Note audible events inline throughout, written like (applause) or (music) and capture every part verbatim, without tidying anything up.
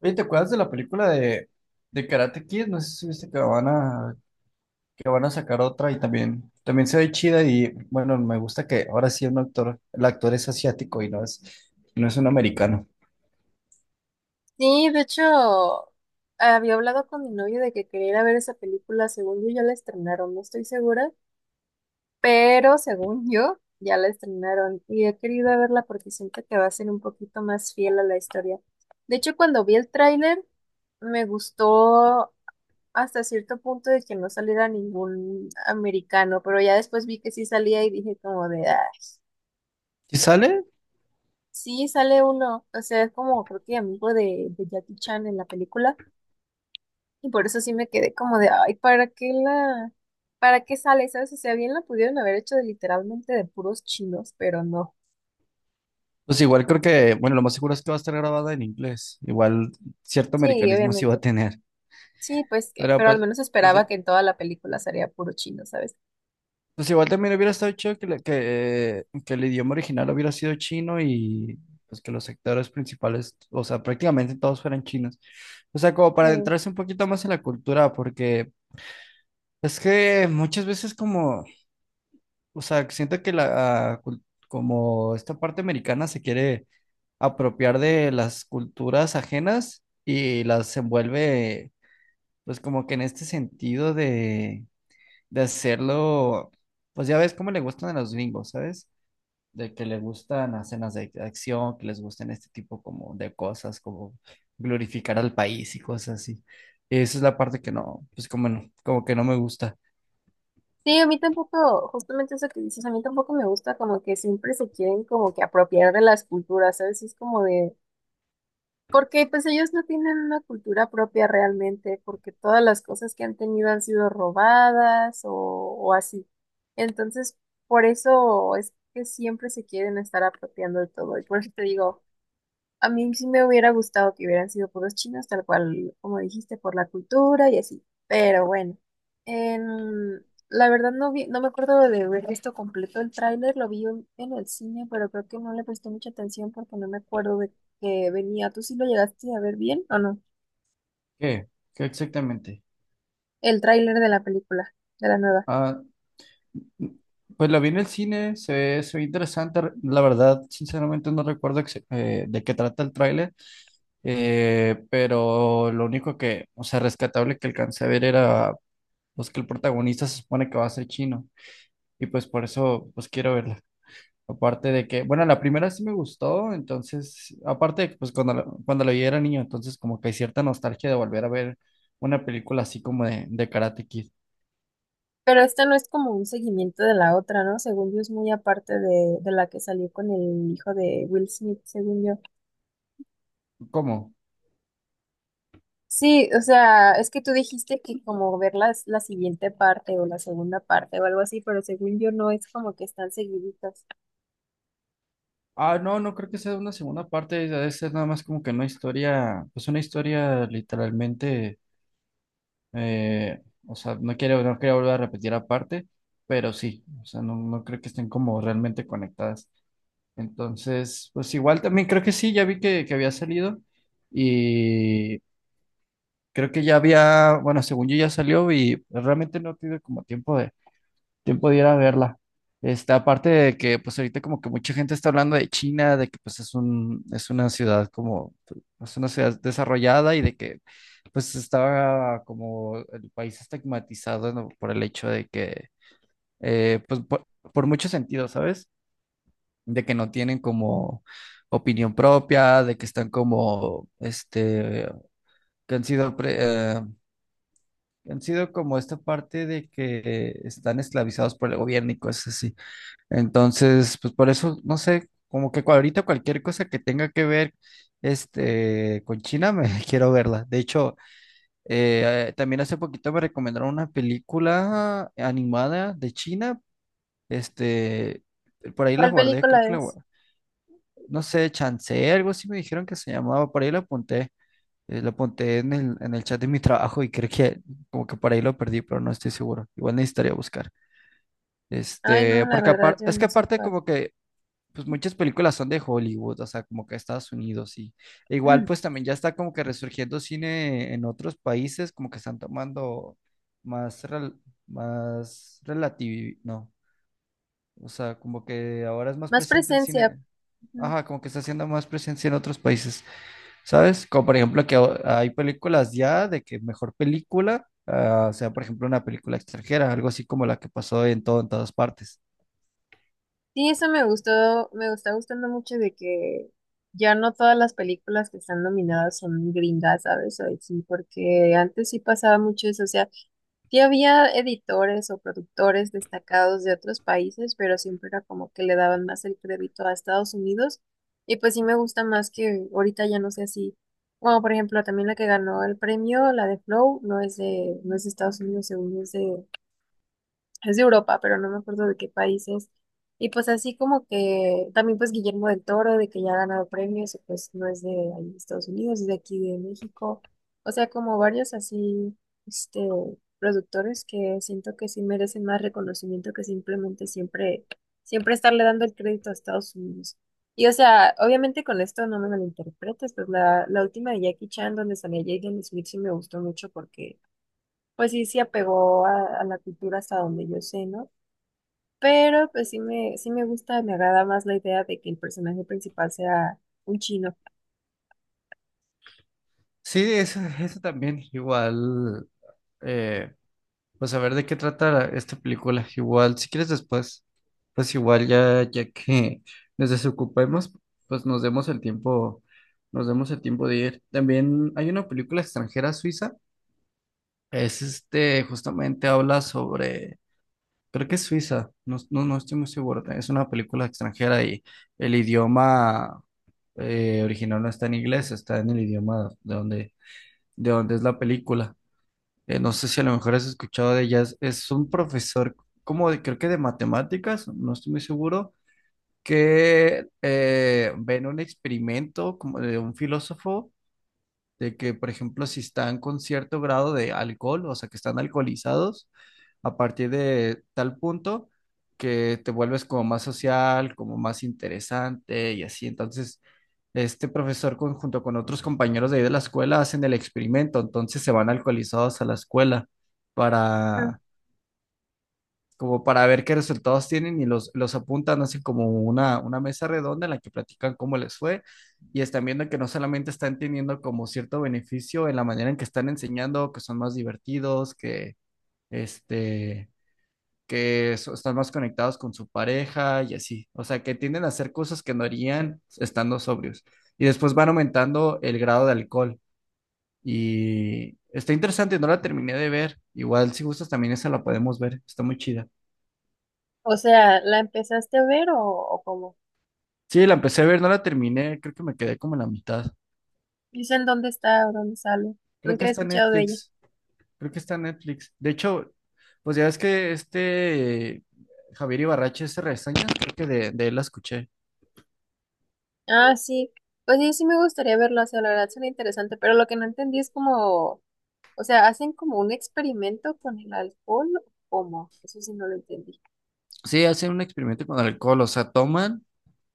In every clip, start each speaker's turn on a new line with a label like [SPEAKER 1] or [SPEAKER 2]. [SPEAKER 1] Oye, ¿te acuerdas de la película de, de Karate Kid? No sé si viste que van a, que van a sacar otra y también, también se ve chida y bueno, me gusta que ahora sí un actor, el actor es asiático y no es, no es un americano.
[SPEAKER 2] Sí, de hecho, había hablado con mi novio de que quería ir a ver esa película. Según yo, ya la estrenaron, no estoy segura, pero según yo, ya la estrenaron y he querido verla porque siento que va a ser un poquito más fiel a la historia. De hecho, cuando vi el tráiler, me gustó hasta cierto punto de que no saliera ningún americano, pero ya después vi que sí salía y dije como de, ay,
[SPEAKER 1] ¿Y sale?
[SPEAKER 2] sí sale uno. O sea, es como creo que amigo de, de Jackie Chan en la película. Y por eso sí me quedé como de, ay, ¿para qué la, ¿para qué sale? ¿Sabes? O sea, bien la pudieron haber hecho de, literalmente de puros chinos, pero no.
[SPEAKER 1] Pues igual creo que, bueno, lo más seguro es que va a estar grabada en inglés. Igual cierto
[SPEAKER 2] Sí,
[SPEAKER 1] americanismo sí va a
[SPEAKER 2] obviamente.
[SPEAKER 1] tener.
[SPEAKER 2] Sí, pues, que-
[SPEAKER 1] Pero
[SPEAKER 2] pero al
[SPEAKER 1] pues,
[SPEAKER 2] menos
[SPEAKER 1] pues
[SPEAKER 2] esperaba
[SPEAKER 1] ya.
[SPEAKER 2] que en toda la película sería puro chino, ¿sabes?
[SPEAKER 1] Pues igual también hubiera estado chido que, le- que, que el idioma original hubiera sido chino y pues que los actores principales, o sea, prácticamente todos fueran chinos. O sea, como para
[SPEAKER 2] Sí.
[SPEAKER 1] adentrarse un poquito más en la cultura, porque es que muchas veces como, o sea, siento que la, ah, cul- como esta parte americana se quiere apropiar de las culturas ajenas y las envuelve, pues como que en este sentido de, de hacerlo, pues ya ves cómo le gustan a los gringos, ¿sabes? De que le gustan escenas de acción, que les gusten este tipo como de cosas, como glorificar al país y cosas así. Esa es la parte que no, pues como no, como que no me gusta.
[SPEAKER 2] Sí, a mí tampoco, justamente eso que dices, a mí tampoco me gusta como que siempre se quieren como que apropiar de las culturas, ¿sabes? Es como de, porque pues ellos no tienen una cultura propia realmente, porque todas las cosas que han tenido han sido robadas o, o así. Entonces, por eso es que siempre se quieren estar apropiando de todo. Y por eso te digo, a mí sí me hubiera gustado que hubieran sido puros chinos, tal cual como dijiste, por la cultura y así. Pero bueno, en- la verdad no vi, no me acuerdo de haber visto completo el tráiler, lo vi en en el cine, pero creo que no le presté mucha atención porque no me acuerdo de que venía. ¿Tú sí lo llegaste a ver bien o no?
[SPEAKER 1] ¿Qué? ¿Qué exactamente?
[SPEAKER 2] El tráiler de la película, de la nueva.
[SPEAKER 1] Ah, pues la vi en el cine, se ve, se ve interesante. Re- La verdad, sinceramente no recuerdo ex- eh, de qué trata el tráiler, eh, pero lo único que, o sea, rescatable que alcancé a ver era, pues que el protagonista se supone que va a ser chino y pues por eso, pues quiero verla. Aparte de que, bueno, la primera sí me gustó, entonces, aparte de que pues cuando la, cuando la vi era niño, entonces como que hay cierta nostalgia de volver a ver una película así como de, de Karate Kid.
[SPEAKER 2] Pero esta no es como un seguimiento de la otra, ¿no? Según yo es muy aparte de, de la que salió con el hijo de Will Smith, según yo.
[SPEAKER 1] ¿Cómo?
[SPEAKER 2] Sí, o sea, es que tú dijiste que como ver las- la siguiente parte o la segunda parte o algo así, pero según yo no es como que están seguiditas.
[SPEAKER 1] Ah, no, no creo que sea una segunda parte, debe ser nada más como que una historia, pues una historia literalmente, eh, o sea, no quiero, no quiero volver a repetir aparte, pero sí, o sea, no, no creo que estén como realmente conectadas. Entonces, pues igual también creo que sí, ya vi que, que había salido. Y creo que ya había, bueno, según yo ya salió y realmente no tuve como tiempo de, tiempo de ir a verla. Este, aparte de que pues ahorita como que mucha gente está hablando de China, de que pues es un, es una ciudad como, es una ciudad desarrollada y de que pues estaba como el país estigmatizado, ¿no? Por el hecho de que, eh, pues por, por, muchos sentidos, ¿sabes? De que no tienen como opinión propia, de que están como, este, que han sido pre- eh, han sido como esta parte de que están esclavizados por el gobierno y cosas así. Entonces, pues por eso, no sé, como que ahorita cualquier cosa que tenga que ver este, con China, me (laughs) quiero verla. De hecho, eh, eh, también hace poquito me recomendaron una película animada de China. Este, por ahí la
[SPEAKER 2] ¿Cuál
[SPEAKER 1] guardé,
[SPEAKER 2] película
[SPEAKER 1] creo que la
[SPEAKER 2] es?
[SPEAKER 1] guardé. No sé, Chancé, algo así me dijeron que se llamaba, por ahí la apunté. Eh, lo apunté en el, en el chat de mi trabajo y creo que como que por ahí lo perdí, pero no estoy seguro. Igual necesitaría buscar.
[SPEAKER 2] Ay,
[SPEAKER 1] Este,
[SPEAKER 2] no, la
[SPEAKER 1] porque
[SPEAKER 2] verdad,
[SPEAKER 1] apar-
[SPEAKER 2] yo
[SPEAKER 1] es que
[SPEAKER 2] no sé
[SPEAKER 1] aparte
[SPEAKER 2] cuál.
[SPEAKER 1] como que pues muchas películas son de Hollywood, o sea, como que Estados Unidos y e igual pues
[SPEAKER 2] (clears throat)
[SPEAKER 1] también ya está como que resurgiendo cine en otros países, como que están tomando más rel- más relativo, no. O sea, como que ahora es más
[SPEAKER 2] Más
[SPEAKER 1] presente el
[SPEAKER 2] presencia.
[SPEAKER 1] cine. Ajá, como que está siendo más presencia en otros países. ¿Sabes? Como por ejemplo que o- hay películas ya de que mejor película, ah, sea por ejemplo una película extranjera, algo así como la que pasó en todo, en todas partes.
[SPEAKER 2] Sí, eso me gustó, me está gustando mucho de que ya no todas las películas que están nominadas son gringas, ¿sabes? O sí, porque antes sí pasaba mucho eso, o sea, sí había editores o productores destacados de otros países, pero siempre era como que le daban más el crédito a Estados Unidos. Y pues sí me gusta más que ahorita ya no sea así. Bueno, por ejemplo, también la que ganó el premio, la de Flow, no es de, no es de Estados Unidos, según es de es de Europa, pero no me acuerdo de qué países. Y pues así como que también pues Guillermo del Toro, de que ya ha ganado premios, y pues no es de ahí de Estados Unidos, es de aquí de México. O sea, como varios así, este, productores que siento que sí merecen más reconocimiento que simplemente siempre, siempre estarle dando el crédito a Estados Unidos. Y o sea, obviamente con esto no me malinterpretes, pues la, la última de Jackie Chan, donde salía Jaden Smith, sí me gustó mucho porque pues sí, sí apegó a, a la cultura hasta donde yo sé, ¿no? Pero pues sí me, sí me gusta, me agrada más la idea de que el personaje principal sea un chino.
[SPEAKER 1] Sí, eso, eso también, igual, eh, pues a ver de qué trata esta película, igual, si quieres después, pues igual ya, ya que nos desocupemos, pues nos demos el tiempo, nos demos el tiempo de ir. También hay una película extranjera suiza, es este, justamente habla sobre. Creo que es Suiza, no, no, no estoy muy seguro. Es una película extranjera y el idioma eh, original no está en inglés, está en el idioma de donde, de donde es la película. Eh, no sé si a lo mejor has escuchado de ella. Es, es un profesor, como de- creo que de matemáticas, no estoy muy seguro, que eh, ven un experimento como de un filósofo de que, por ejemplo, si están con cierto grado de alcohol, o sea, que están alcoholizados, a partir de tal punto que te vuelves como más social, como más interesante y así. Entonces, este profesor con- junto con otros compañeros de ahí de la escuela hacen el experimento, entonces se van alcoholizados a la escuela
[SPEAKER 2] Ujú.
[SPEAKER 1] para como para ver qué resultados tienen y los, los apuntan, hacen como una, una mesa redonda en la que platican cómo les fue y están viendo que no solamente están teniendo como cierto beneficio en la manera en que están enseñando, que son más divertidos, que este, que so- están más conectados con su pareja y así, o sea, que tienden a hacer cosas que no harían estando sobrios y después van aumentando el grado de alcohol y está interesante, no la terminé de ver, igual si gustas también esa la podemos ver, está muy chida.
[SPEAKER 2] O sea, ¿la empezaste a ver o, o cómo?
[SPEAKER 1] Sí, la empecé a ver, no la terminé, creo que me quedé como en la mitad.
[SPEAKER 2] Dicen dónde está o dónde sale.
[SPEAKER 1] Creo
[SPEAKER 2] Nunca
[SPEAKER 1] que
[SPEAKER 2] he
[SPEAKER 1] está en
[SPEAKER 2] escuchado de ella.
[SPEAKER 1] Netflix, creo que está en Netflix. De hecho, pues ya ves que este Javier Ibarrache hace reseñas, creo que de, de él la escuché.
[SPEAKER 2] Ah, sí. Pues sí, sí me gustaría verlo, o sea, la verdad suena interesante, pero lo que no entendí es como, o sea, ¿hacen como un experimento con el alcohol o cómo? Eso sí no lo entendí.
[SPEAKER 1] Sí, hacen un experimento con alcohol, o sea, toman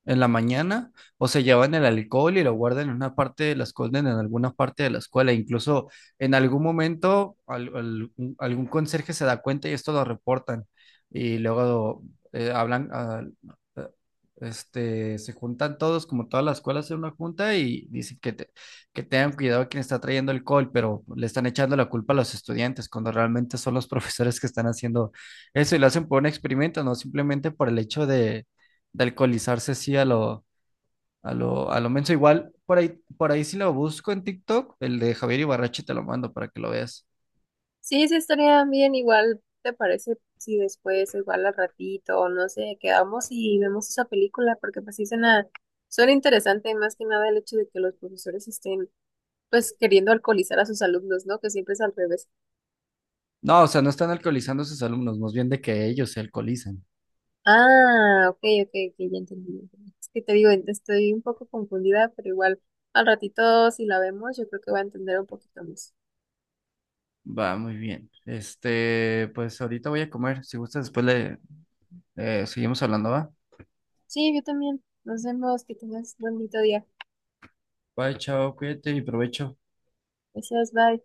[SPEAKER 1] en la mañana o se llevan el alcohol y lo guardan en una parte de la escuela, en alguna parte de la escuela. Incluso en algún momento al- al- un- algún conserje se da cuenta y esto lo reportan y luego eh, hablan, ah, eh, este, se juntan todos, como toda la escuela hace una junta y dicen que, te- que tengan cuidado a quien está trayendo alcohol, pero le están echando la culpa a los estudiantes cuando realmente son los (laughs) profesores que están haciendo eso y lo hacen por un experimento, no simplemente por el hecho de de alcoholizarse así a lo, a lo, a lo menso. Igual, por ahí, por ahí si lo busco en TikTok, el de Javier Ibarrachi te lo mando para que lo veas.
[SPEAKER 2] Sí, sí, estaría bien, igual te parece si después, igual al ratito, o no sé, quedamos y vemos esa película, porque pues sí suena, suena interesante, más que nada el hecho de que los profesores estén pues queriendo alcoholizar a sus alumnos, ¿no? Que siempre es al revés.
[SPEAKER 1] No, o sea, no están alcoholizando a sus alumnos, más bien de que ellos se alcoholizan.
[SPEAKER 2] Ah, ok, ok, ok, ya entendí. Ya entendí. Es que te digo, ent- estoy un poco confundida, pero igual al ratito si la vemos, yo creo que va a entender un poquito más.
[SPEAKER 1] Va, muy bien. Este, pues ahorita voy a comer. Si gustas, después le eh, seguimos hablando, ¿va?
[SPEAKER 2] Sí, yo también. Nos vemos, que tengas un bonito día.
[SPEAKER 1] Bye, chao, cuídate y provecho.
[SPEAKER 2] Gracias, bye.